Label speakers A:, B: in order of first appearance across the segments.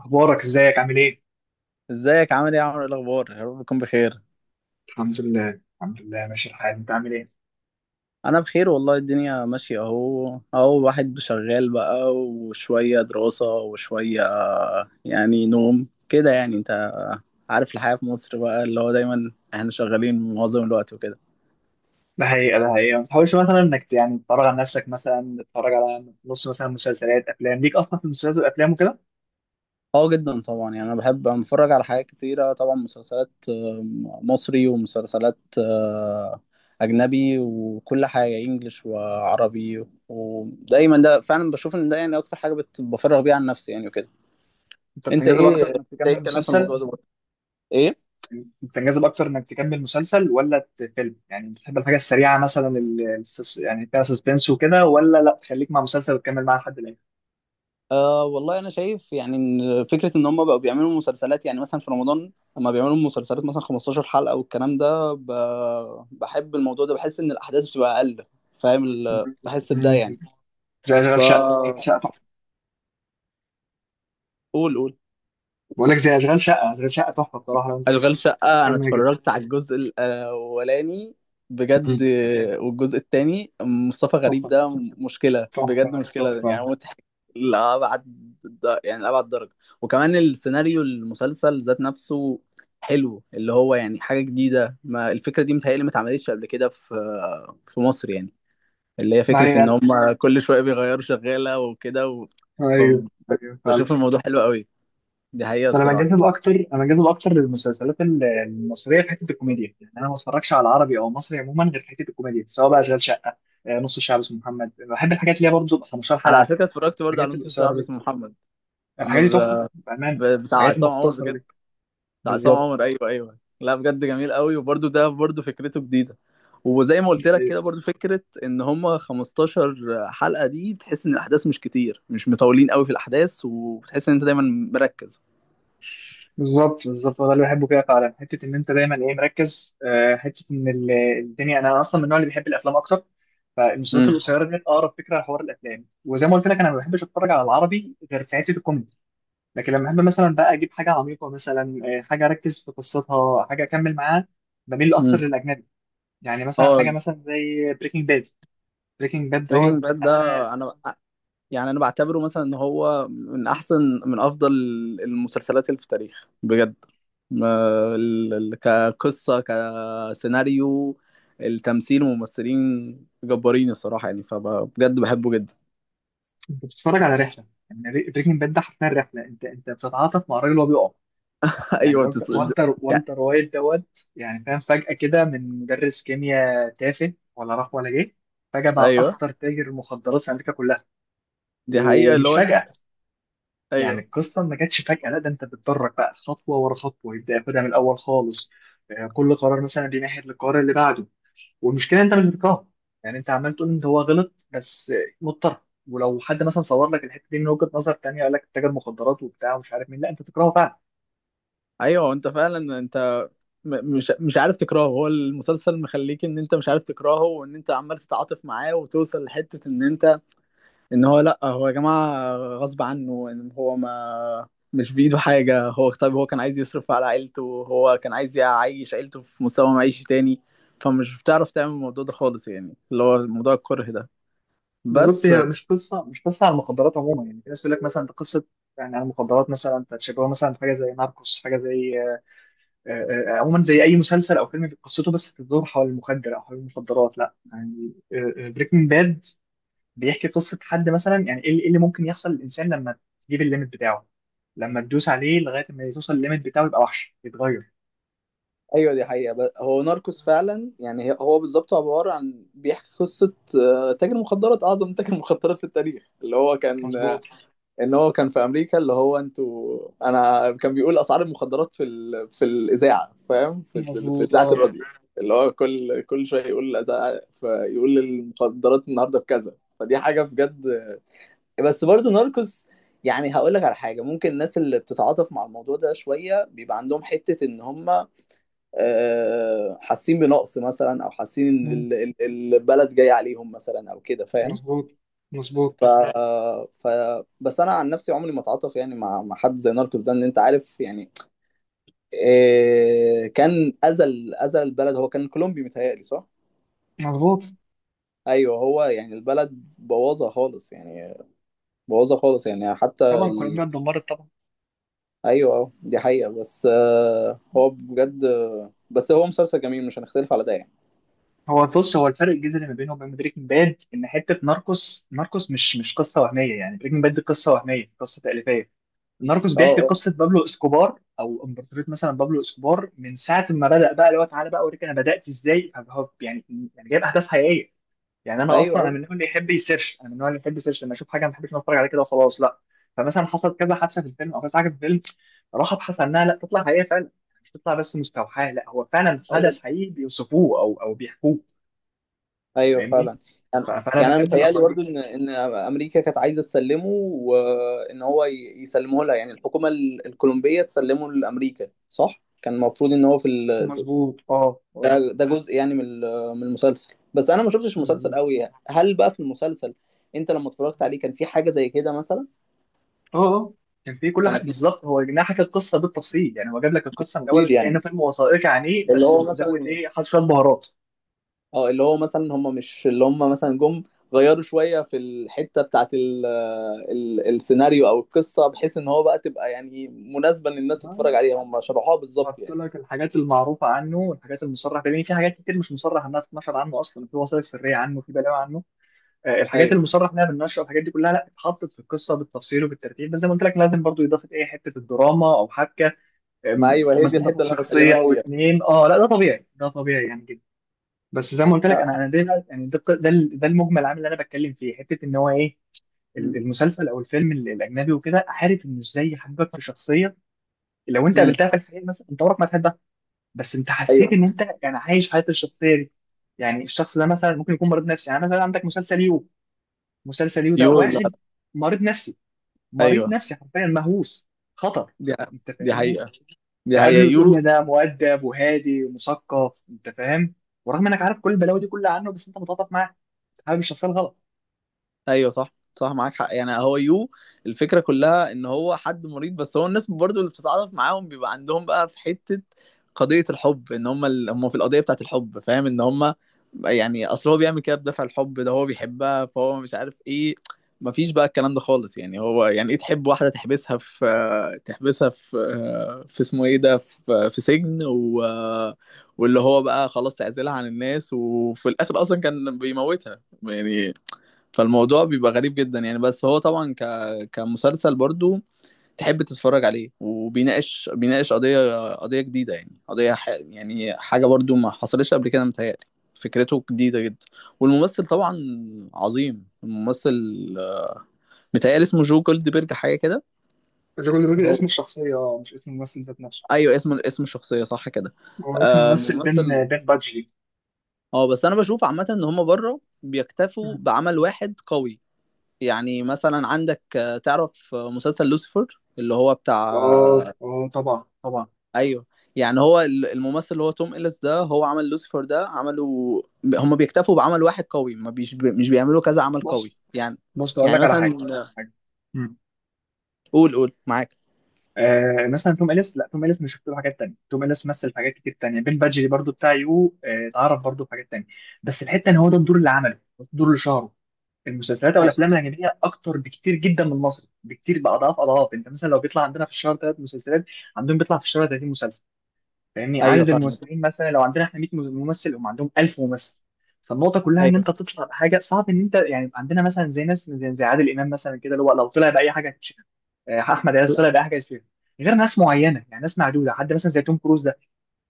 A: اخبارك، ازيك؟ عامل ايه؟
B: ازيك عامل ايه يا عمرو؟ ايه الاخبار؟ يا رب تكون بخير.
A: الحمد لله الحمد لله، ماشي الحال. انت عامل ايه؟
B: انا بخير والله. الدنيا ماشيه اهو اهو، واحد شغال بقى وشويه دراسه وشويه يعني نوم كده. يعني انت عارف الحياه في مصر بقى، اللي هو دايما احنا شغالين معظم الوقت وكده.
A: ده حقيقة. ما تحاولش مثلا انك يعني تتفرج على نفسك؟ مثلا تتفرج على نص، مثلا، مسلسلات، افلام؟ ليك اصلا في المسلسلات والافلام وكده؟
B: اه جدا طبعا. يعني انا بحب أنا بتفرج على حاجات كتيره، طبعا مسلسلات مصري، ومسلسلات اجنبي، وكل حاجه انجليش وعربي. ودايما ده فعلا بشوف ان ده يعني اكتر حاجه بفرغ بيها عن نفسي يعني وكده.
A: انت
B: انت
A: بتنجذب
B: ايه
A: اكتر
B: انت
A: انك
B: ايه
A: تكمل
B: الكلام في
A: مسلسل؟
B: الموضوع ده برضه؟ ايه؟
A: بتنجذب اكتر انك تكمل مسلسل ولا فيلم؟ يعني بتحب الحاجة السريعة، مثلا، يعني فيها سسبنس وكده، ولا لا تخليك مع مسلسل وتكمل معاه لحد الاخر؟
B: آه والله، انا شايف يعني ان فكره ان هم بقوا بيعملوا مسلسلات يعني مثلا في رمضان، لما بيعملوا مسلسلات مثلا 15 حلقه والكلام ده. بحب الموضوع ده، بحس ان الاحداث بتبقى اقل. فاهم
A: مم.
B: بحس بده
A: مم.
B: يعني.
A: زي
B: ف
A: اشغال شقة، اشغال شقة تحفة.
B: قول قول.
A: بقول لك زي اشغال شقة، اشغال شقة تحفة بصراحة، لو انت شفته
B: اشغال شقه انا
A: كمل جدا.
B: اتفرجت على الجزء الاولاني بجد.
A: مم.
B: والجزء التاني مصطفى غريب
A: تحفة.
B: ده مشكله بجد،
A: تحفة
B: مشكله
A: تحفة.
B: يعني، مضحك لأبعد، يعني لأبعد درجه. وكمان السيناريو، المسلسل ذات نفسه حلو، اللي هو يعني حاجه جديده، ما الفكره دي متهيألي ما اتعملتش قبل كده في مصر يعني. اللي هي
A: ما
B: فكره ان
A: هي
B: هم كل شويه بيغيروا شغاله وكده
A: أيوه، أيوه فعلا.
B: فبشوف الموضوع حلو قوي، دي حقيقه
A: أنا
B: الصراحه.
A: بنجذب أكتر أنا بنجذب أكتر للمسلسلات المصرية في حتة الكوميديا. يعني أنا ما بتفرجش على عربي أو مصري عموما غير في حتة الكوميديا، سواء بقى أشغال شقة، نص الشعب اسمه محمد. بحب الحاجات اللي هي برضه بتبقى 15
B: انا على
A: حلقة،
B: فكره اتفرجت برضه على
A: الحاجات
B: نص
A: القصيرة
B: الشعب
A: دي.
B: اسمه محمد. إنه
A: الحاجات دي تحفة
B: ب-
A: بأمانة.
B: بتاع
A: الحاجات
B: عصام عمر
A: المختصرة
B: بجد.
A: دي
B: بتاع عصام
A: بالظبط.
B: عمر، ايوه ايوه، لا بجد جميل قوي. وبرده ده برده فكرته جديده. وزي ما قلت لك كده، برده فكره ان هما 15 حلقه دي بتحس ان الاحداث مش كتير، مش مطولين قوي في الاحداث، وبتحس ان انت دايما مركز.
A: بالظبط بالظبط، هو ده اللي بحبه فيها فعلا، حته ان انت دايما ايه، مركز. حته ان الدنيا. انا اصلا من النوع اللي بيحب الافلام اكتر، فالمسلسلات
B: امم
A: القصيره دي اقرب فكره لحوار الافلام. وزي ما قلت لك، انا ما بحبش اتفرج على العربي غير في حته الكوميدي. لكن لما احب مثلا بقى اجيب حاجه عميقه، مثلا، حاجه اركز في قصتها، حاجه اكمل معاها، بميل
B: امم.
A: اكتر للاجنبي. يعني مثلا
B: اه،
A: حاجه مثلا زي بريكنج باد. بريكنج باد
B: بريكنج
A: دوت.
B: باد ده
A: انا
B: انا يعني بعتبره مثلا ان هو من احسن من افضل المسلسلات اللي في التاريخ بجد. كقصه، سيناريو، التمثيل، وممثلين جبارين الصراحه يعني، فبجد بحبه جدا.
A: انت بتتفرج على رحله، يعني بريكنج باد ده حرفيا رحله. انت بتتعاطف مع الراجل وهو بيقع، يعني.
B: ايوه
A: والتر
B: بتس... بس-
A: والتر
B: يعني
A: والتر وايت دوت، يعني، فاهم؟ فجأة كده، من مدرس كيمياء تافه ولا راح ولا جه، فجأة بقى
B: ايوه.
A: أخطر تاجر مخدرات في أمريكا كلها.
B: دي حقيقه اللي
A: ومش
B: هو انت.
A: فجأة، يعني
B: ايوه
A: القصة ما جاتش فجأة، لا، ده أنت بتدرج بقى خطوة ورا خطوة. يبدأ ياخدها من الأول خالص. كل قرار مثلا بيمهد للقرار اللي بعده. والمشكلة أنت مش بتكرهه. يعني أنت عمال تقول أنت هو غلط، بس مضطر. ولو حد مثلا صور لك الحتة دي من وجهة نظر تانية، قال لك تاجر مخدرات وبتاع ومش عارف مين، لا، أنت تكرهه فعلا.
B: ايوه، انت فعلا انت مش عارف تكرهه. هو المسلسل مخليك ان انت مش عارف تكرهه، وان انت عمال تتعاطف معاه، وتوصل لحته ان انت ان هو لا، هو يا جماعه غصب عنه ان هو ما مش بايده حاجه. هو طيب، هو كان عايز يصرف على عيلته، هو كان عايز يعيش عيلته في مستوى معيشي تاني. فمش بتعرف تعمل الموضوع ده خالص يعني، اللي هو موضوع الكره ده
A: بالظبط.
B: بس.
A: هي مش قصه على المخدرات عموما. يعني في ناس يقول لك مثلا دي قصه يعني على المخدرات، مثلا انت تشبهه مثلا في حاجه زي ناركوس، حاجه زي، عموما، زي اي مسلسل او فيلم قصته بس بتدور حول المخدر او حول المخدرات. لا، يعني بريكنج باد بيحكي قصه حد، مثلا، يعني ايه، إيه اللي ممكن يحصل للانسان لما تجيب الليميت بتاعه؟ لما تدوس عليه لغايه ما توصل الليميت بتاعه، يبقى وحش، يتغير.
B: ايوه دي حقيقة. هو ناركوس فعلا يعني، هو بالظبط عبارة عن بيحكي قصة تاجر مخدرات، اعظم تاجر مخدرات في التاريخ. اللي هو كان
A: مظبوط.
B: ان هو كان في امريكا، اللي هو انا كان بيقول اسعار المخدرات في الاذاعه، فاهم، في في
A: مظبوط
B: اذاعه
A: اه.
B: الراديو، اللي هو كل شويه يقول فيقول المخدرات النهارده بكذا، فدي حاجه بجد. بس برضه ناركوس، يعني هقول لك على حاجه، ممكن الناس اللي بتتعاطف مع الموضوع ده شويه بيبقى عندهم حته ان هم حاسين بنقص مثلا، او حاسين ان
A: مم.
B: البلد جايه عليهم مثلا او كده، فاهم.
A: مظبوط. مظبوط.
B: ف... ف بس انا عن نفسي عمري ما اتعاطف يعني مع حد زي ناركوس ده، ان انت عارف يعني. كان اذى البلد. هو كان كولومبي متهيألي، صح؟
A: مظبوط.
B: ايوه، هو يعني البلد بوظها خالص يعني بوظها خالص يعني، حتى
A: طبعا كولومبيا اتدمرت طبعا.
B: ايوه دي حقيقة. بس هو بجد، بس هو مسلسل جميل، مش هنختلف على ده يعني.
A: هو بص، هو الفرق الجذري ما بينه وبين بريكنج باد ان حته ناركوس، ناركوس مش قصه وهميه، يعني بريكنج باد دي قصه وهميه، قصه تأليفيه. ناركوس
B: اه
A: بيحكي
B: آه،
A: قصه بابلو اسكوبار، او امبراطوريه مثلا بابلو اسكوبار، من ساعه ما بدأ، بقى، اللي هو، تعالى بقى اوريك انا بدأت ازاي. فهو يعني، يعني جايب احداث حقيقيه. يعني انا
B: ايوه
A: اصلا، انا من
B: ايوه
A: النوع اللي يحب يسيرش انا من النوع اللي يحب يسيرش. لما اشوف حاجه ما بحبش إن أنا اتفرج عليها كده وخلاص، لا. فمثلا حصلت كذا حادثه في الفيلم، او كذا حاجه في الفيلم، راح ابحث عنها. لا، تطلع حقيقيه فعلا. مش تطلع بس مستوحاه، لا، هو فعلا
B: أيوة.
A: حدث حقيقي بيوصفوه او بيحكوه.
B: ايوه
A: فاهمني؟
B: فعلا يعني.
A: فانا
B: انا
A: بحب
B: متهيألي
A: الافكار دي.
B: برضه ان امريكا كانت عايزه تسلمه، وان هو يسلمه لها، يعني الحكومه الكولومبيه تسلمه لامريكا، صح كان المفروض ان هو في
A: مظبوط اه اه.
B: ده جزء يعني من من المسلسل، بس انا ما شفتش المسلسل
A: مظبوط
B: قوي يعني. هل بقى في المسلسل انت لما اتفرجت عليه كان في حاجه زي كده مثلا؟
A: اه. آه. كان في كل
B: كان
A: حاجه
B: في
A: بالظبط. هو جناح حكى القصه بالتفصيل. يعني هو جاب لك القصه من
B: تفصيل
A: الاول، كانه
B: يعني،
A: فيلم وثائقي عن ايه،
B: اللي
A: بس
B: هو
A: زود
B: مثلا،
A: ايه، حط شويه بهارات.
B: اه اللي هو مثلا هم مش اللي هم مثلا جم غيروا شوية في الحتة بتاعت ال ال السيناريو أو القصة، بحيث إن هو بقى يعني مناسبة، إن الناس
A: ما-
B: تتفرج
A: ما-
B: عليها، هم شرحوها بالظبط
A: حط
B: يعني.
A: لك الحاجات المعروفه عنه، والحاجات المصرح بيه في حاجات كتير مش مصرح انها تتنشر عنه، اصلا في وثائق سريه عنه، في بلاوي عنه. الحاجات
B: أيوه.
A: المصرح انها بالنشر والحاجات دي كلها، لا، اتحطت في القصه بالتفصيل وبالترتيب. بس زي ما قلت لك، لازم برضو اضافه ايه، حته الدراما او حبكه.
B: ما أيوه هي دي
A: مثلا تاخد
B: الحتة اللي أنا
A: شخصيه
B: بكلمك
A: او
B: فيها.
A: اتنين، اه، لا، ده طبيعي، ده طبيعي يعني جدا. بس زي ما قلت لك،
B: لا.
A: انا ده يعني ده المجمل العام اللي انا بتكلم فيه، حته ان هو ايه،
B: امم.
A: المسلسل او الفيلم الاجنبي وكده. عارف ان ازاي حبك في شخصيه لو انت
B: أمم.
A: قابلتها في الحقيقه مثلا انت عمرك ما تحبها، بس انت حسيت
B: أيوه.
A: ان انت يعني عايش حياه الشخصيه دي. يعني الشخص ده مثلا ممكن يكون مريض نفسي. يعني مثلا عندك مسلسل يو. مسلسل يو ده
B: يو؟ لا.
A: واحد مريض نفسي، مريض
B: أيوه
A: نفسي حرفيا، مهووس، خطر.
B: دي
A: انت
B: دي
A: فاهمني؟
B: حقيقة حقيقة
A: تقابله تقول لي
B: يو.
A: ده مؤدب وهادي ومثقف، انت فاهم. ورغم انك عارف كل البلاوي دي كلها عنه، بس انت متعاطف معاه، حابب الشخصيه الغلط.
B: ايوه صح صح، معاك حق. يعني هو يو الفكره كلها ان هو حد مريض. بس هو الناس برضو اللي بتتعاطف معاهم بيبقى عندهم بقى في حته قضيه الحب، ان هم هم في القضيه بتاعت الحب، فاهم ان هم يعني، اصل هو بيعمل كده بدافع الحب، ده هو بيحبها، فهو مش عارف ايه. مفيش بقى الكلام ده خالص يعني. هو يعني ايه تحب واحده تحبسها في في اسمه ايه ده، في سجن واللي هو بقى، خلاص تعزلها عن الناس، وفي الاخر اصلا كان بيموتها يعني. فالموضوع بيبقى غريب جدا يعني. بس هو طبعا كمسلسل برضو تحب تتفرج عليه، بيناقش قضية جديدة يعني، يعني حاجة برضو ما حصلتش قبل كده متهيألي، فكرته جديدة جدا. والممثل طبعا عظيم الممثل، متهيألي اسمه جو جولدبرج حاجة كده.
A: الراجل
B: هو
A: اسمه الشخصيه، مش اسم الممثل ذات نفسه.
B: ايوه، اسم الشخصية صح كده.
A: هو اسم
B: آه
A: الممثل بين
B: ممثل.
A: بين بادجلي.
B: اه، بس انا بشوف عامة ان هما بره بيكتفوا
A: مم.
B: بعمل واحد قوي. يعني مثلا عندك تعرف مسلسل لوسيفر، اللي هو بتاع
A: اه اه، طبعا طبعا.
B: ايوه. يعني هو الممثل اللي هو توم إليس ده، هو عمل لوسيفر ده، عملوا هم بيكتفوا بعمل واحد قوي، ما بيش مش بيعملوا كذا عمل
A: بص
B: قوي يعني.
A: بص اقول
B: يعني
A: لك على حاجه
B: مثلا
A: اقول لك على حاجه مم.
B: قول قول معاك.
A: آه، مثلا توم اليس، لا، توم اليس مش شفت له حاجات تانية. توم اليس مثل في حاجات كتير تانية. بين بادجلي برضو بتاع يو، اتعرف برضو في حاجات تانية. بس الحته ان هو ده الدور اللي عمله، الدور اللي شهره. المسلسلات او الافلام
B: أي-
A: الاجنبيه اكتر بكتير جدا من المصري، بكتير، باضعاف اضعاف. انت مثلا لو بيطلع عندنا في الشهر ثلاث مسلسلات، عندهم بيطلع في الشهر 30 مسلسل. فاهمني؟
B: ايوه
A: عدد
B: فاهمك.
A: الممثلين مثلا لو عندنا احنا 100 ممثل، هم عندهم 1000 ممثل. فالنقطه كلها ان
B: ايوه.
A: انت تطلع بحاجه، صعب ان انت يعني. عندنا مثلا زي ناس زي عادل امام مثلا كده، اللي هو لو طلع باي حاجه هتتشهر. احمد عز
B: لا.
A: طلع باي حاجه هتتشهر. غير ناس معينه، يعني ناس معدوده، حد مثلا زي توم كروز ده.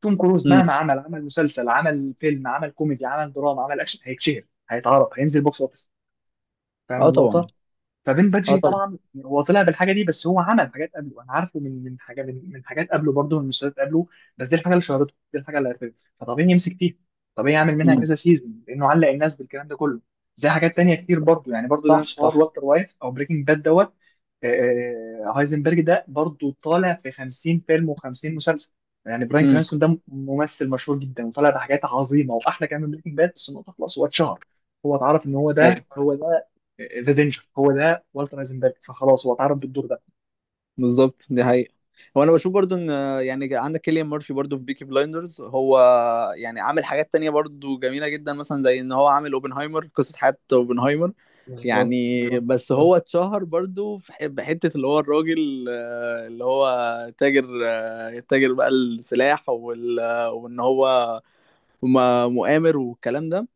A: توم كروز
B: امم.
A: مهما عمل، عمل مسلسل، عمل فيلم، عمل كوميدي، عمل دراما، عمل اكشن، هيتشهر، هيتعرف، هينزل بوكس اوفيس. فاهم
B: اه طبعا.
A: النقطه؟ فبن
B: اه
A: باتشي
B: طبعا.
A: طبعا هو طلع بالحاجه دي، بس هو عمل حاجات قبله. انا عارفه من من حاجه من حاجات قبله برضه، من مسلسلات قبله. بس دي الحاجه اللي شهرته، دي الحاجه اللي عرفته. فطبيعي يمسك فيها، طبيعي يعمل منها
B: امم.
A: كذا سيزون لانه علق الناس بالكلام ده كله. زي حاجات تانية كتير برضه، يعني برضه ده
B: صح
A: شهر
B: صح.
A: والتر وايت او بريكنج باد دوت. آه، هايزنبرج ده برضه طالع في 50 فيلم و50 مسلسل. يعني براين
B: امم.
A: كرانستون ده ممثل مشهور جدا، وطالع بحاجات عظيمه واحلى كمان من بريكنج باد، بس النقطه خلاص، هو اتشهر، هو اتعرف ان هو ده،
B: ايوه
A: هو ده ذا دينجر، هو ده والتر ايزنبرج. فخلاص، هو اتعرض بالدور ده.
B: بالظبط، دي حقيقة. هو انا بشوف برضو ان، يعني عندك كيليان مورفي برضو في بيكي بلايندرز، هو يعني عامل حاجات تانية برضو جميلة جدا، مثلا زي ان هو عامل اوبنهايمر، قصة حياة اوبنهايمر
A: بالظبط
B: يعني.
A: بالظبط.
B: بس هو اتشهر برضو في بحتة اللي هو الراجل اللي هو تاجر، تاجر بقى السلاح وان هو مؤامر والكلام ده.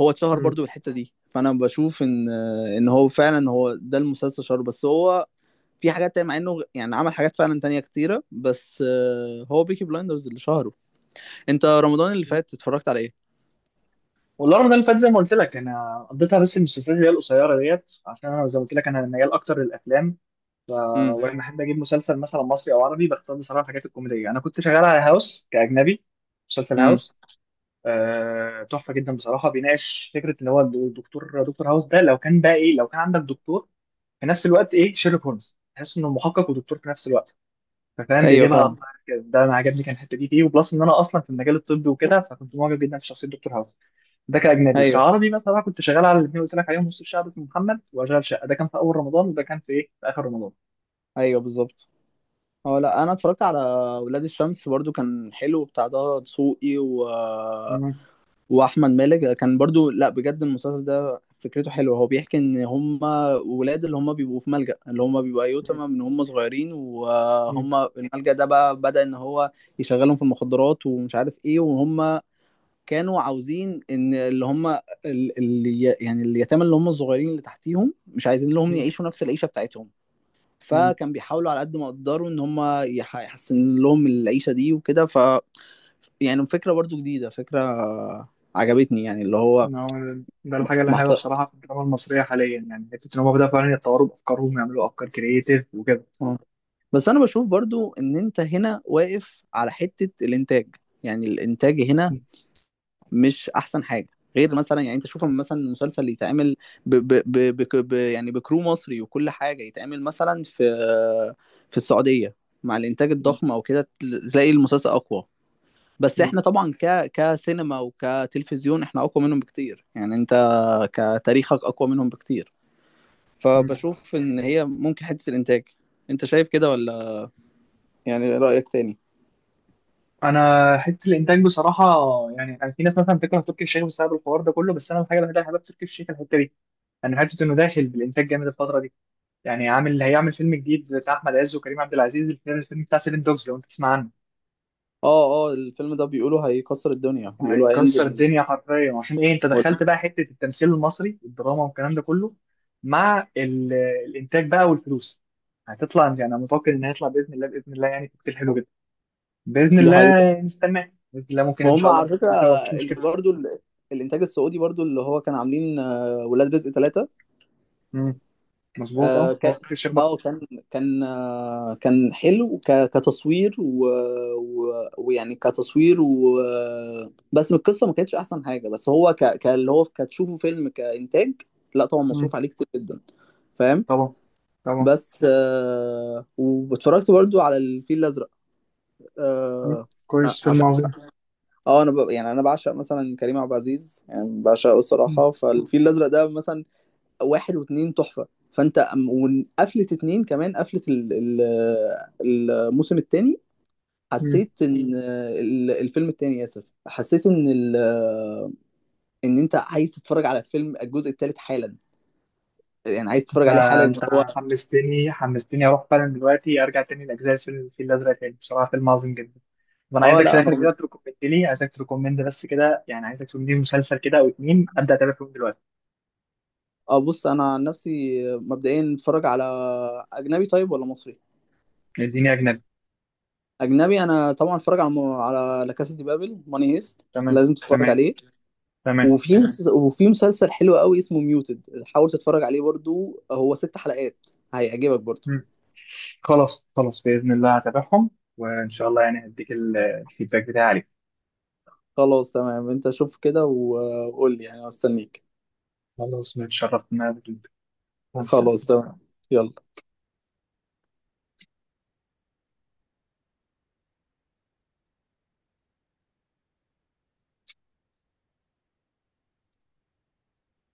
B: هو اتشهر
A: مم.
B: برضو بالحتة دي، فانا بشوف ان ان هو فعلا هو ده المسلسل شهر، بس هو في حاجات تانية، مع انه يعني عمل حاجات فعلا تانية كتيرة، بس هو بيكي بلايندرز اللي شهره. انت رمضان اللي فات اتفرجت على ايه؟
A: والارم ده اللي فات زي ما قلت لك انا قضيتها بس المسلسلات اللي هي القصيره ديت، عشان انا زي ما قلت لك انا ميال اكتر للافلام. ف...
B: امم.
A: ولما احب اجيب مسلسل مثلا مصري او عربي بختار بصراحه الحاجات الكوميديه. انا كنت شغال على هاوس كاجنبي، مسلسل
B: امم.
A: هاوس. تحفه جدا بصراحه. بيناقش فكره اللي هو الدكتور، دكتور هاوس ده، لو كان بقى ايه، لو كان عندك دكتور في نفس الوقت ايه، شيرلوك هولمز. تحس انه محقق ودكتور في نفس الوقت. فاهم؟
B: ايوه
A: بيجيبها على
B: فاهم.
A: الطاير كده. ده انا عجبني كان الحته دي فيه، وبلس ان انا اصلا في المجال الطبي وكده، فكنت معجب جدا بشخصيه دكتور هاوس. ده كاجنبي.
B: ايوه
A: كعربي مثلا أنا كنت شغال على الاثنين قلت لك عليهم: نص الشعب اسمه محمد واشغال شقه. ده كان في اول رمضان، وده كان في ايه، في اخر رمضان.
B: ايوه بالظبط. اه لا، انا اتفرجت على ولاد الشمس برضو، كان حلو، بتاع ده دسوقي
A: مم.
B: واحمد مالك كان برضو، لا بجد المسلسل ده فكرته حلوه. هو بيحكي ان هم ولاد اللي هم بيبقوا في ملجأ، اللي هم بيبقوا
A: مم.
B: ايتام من هم صغيرين.
A: مم.
B: وهم الملجأ ده بقى بدأ ان هو يشغلهم في المخدرات ومش عارف ايه، وهم كانوا عاوزين ان اللي هم، اللي يعني اليتامى اللي هم الصغيرين اللي تحتيهم، مش عايزين لهم
A: مم.
B: يعيشوا نفس العيشه بتاعتهم.
A: مم.
B: فكان بيحاولوا على قد ما يقدروا ان هم يحسن لهم العيشه دي وكده. يعني فكره برضو جديده، فكره عجبتني يعني، اللي هو
A: هو ده
B: م-
A: الحاجه اللي حلوه
B: محت...
A: بصراحه في الدراما المصريه حاليا، يعني حته ان هم بداوا فعلا يتطوروا بافكارهم ويعملوا افكار كرييتيف وكده.
B: آه. بس انا بشوف برضو ان انت هنا واقف على حته الانتاج. يعني الانتاج هنا مش احسن حاجه، غير مثلا يعني، انت شوف لما مثلا المسلسل اللي يتعمل ب ب ب ب ب يعني بكرو مصري وكل حاجه، يتعمل مثلا في في السعوديه مع الانتاج
A: مم.
B: الضخم او كده، تلاقي المسلسل اقوى. بس
A: مم.
B: احنا طبعا ك كسينما وكتلفزيون احنا اقوى منهم بكتير، يعني انت كتاريخك اقوى منهم بكتير.
A: مم.
B: فبشوف ان هي ممكن حته الانتاج. انت شايف كده ولا يعني رايك تاني؟
A: انا حته الانتاج بصراحه. يعني انا في ناس مثلا بتكره تركي الشيخ بسبب الحوار ده كله، بس انا الحاجه الوحيده اللي حابب تركي الشيخ الحته دي. انا حاسس انه داخل بالانتاج جامد الفتره دي. يعني عامل اللي هيعمل فيلم جديد بتاع احمد عز وكريم عبد العزيز، الفيلم، الفيلم بتاع سيفن دوجز، لو انت تسمع عنه.
B: اه اه، الفيلم ده بيقولوا هيكسر الدنيا،
A: يعني
B: بيقولوا
A: هيكسر
B: هينزل.
A: الدنيا حرفيا، عشان ايه، انت دخلت بقى حته التمثيل المصري، الدراما والكلام ده كله، مع الانتاج بقى والفلوس، هتطلع. يعني انا متوقع ان هيطلع باذن الله، باذن الله، يعني كتير حلو جدا. باذن
B: دي حقيقة.
A: الله نستناه، باذن الله، ممكن ان
B: وهم
A: شاء الله
B: على فكرة،
A: نشوفه سوا، مفيش
B: اللي
A: مشكله.
B: برضو الإنتاج السعودي برضو، اللي هو كان عاملين ولاد رزق ثلاثة.
A: امم، مظبوط
B: اه
A: اه. هو
B: كان،
A: فكرة الشيخ بكر.
B: اه كان، كان حلو كتصوير ويعني كتصوير و، بس القصة ما كانتش أحسن حاجة. بس هو اللي هو كتشوفه فيلم كإنتاج، لا طبعا
A: امم.
B: مصروف عليه كتير جدا، فاهم.
A: طبعا طبعا.
B: بس آه واتفرجت برضو على الفيل الأزرق.
A: مم.
B: آه.
A: كويس، فيلم عظيم.
B: اه انا يعني انا بعشق مثلا كريم عبد العزيز، يعني بعشقه
A: مم.
B: الصراحه. فالفيل الازرق ده مثلا واحد واتنين تحفه. فانت وقفلة اتنين كمان، قفلة الموسم التاني،
A: مم.
B: حسيت ان ال- الفيلم التاني اسف حسيت ان ال... ان انت عايز تتفرج على الفيلم الجزء التالت حالا، يعني عايز تتفرج عليه حالا ان
A: انت
B: هو.
A: حمستني، حمستني اروح فعلا دلوقتي ارجع تاني لاجزاء الفيل الازرق تاني. بصراحه فيلم عظيم جدا. وانا
B: اه
A: عايزك في
B: لا، انا،
A: الاخر كده تركومند لي، عايزك تركومند بس كده، يعني عايزك تقول لي مسلسل كده او اتنين ابدا اتابع فيهم دلوقتي.
B: اه بص، انا عن نفسي مبدئيا اتفرج على اجنبي طيب ولا مصري؟
A: اديني اجنبي.
B: اجنبي. انا طبعا اتفرج على لا كاسا دي بابل، ماني هيست،
A: تمام
B: لازم تتفرج
A: تمام
B: عليه.
A: تمام.
B: وفي مسلسل حلو قوي اسمه ميوتد، حاول تتفرج عليه برضو، هو ست حلقات، هيعجبك برضو.
A: مم. خلاص خلاص، باذن الله هتابعهم. وان شاء الله يعني هديك الفيدباك بتاعي عليك.
B: خلاص تمام، انت شوف كده وقول لي يعني، أنا مستنيك.
A: خلاص، متشرفت إن أنا قابلتك. مع السلامة.
B: خلاص تمام، يلا.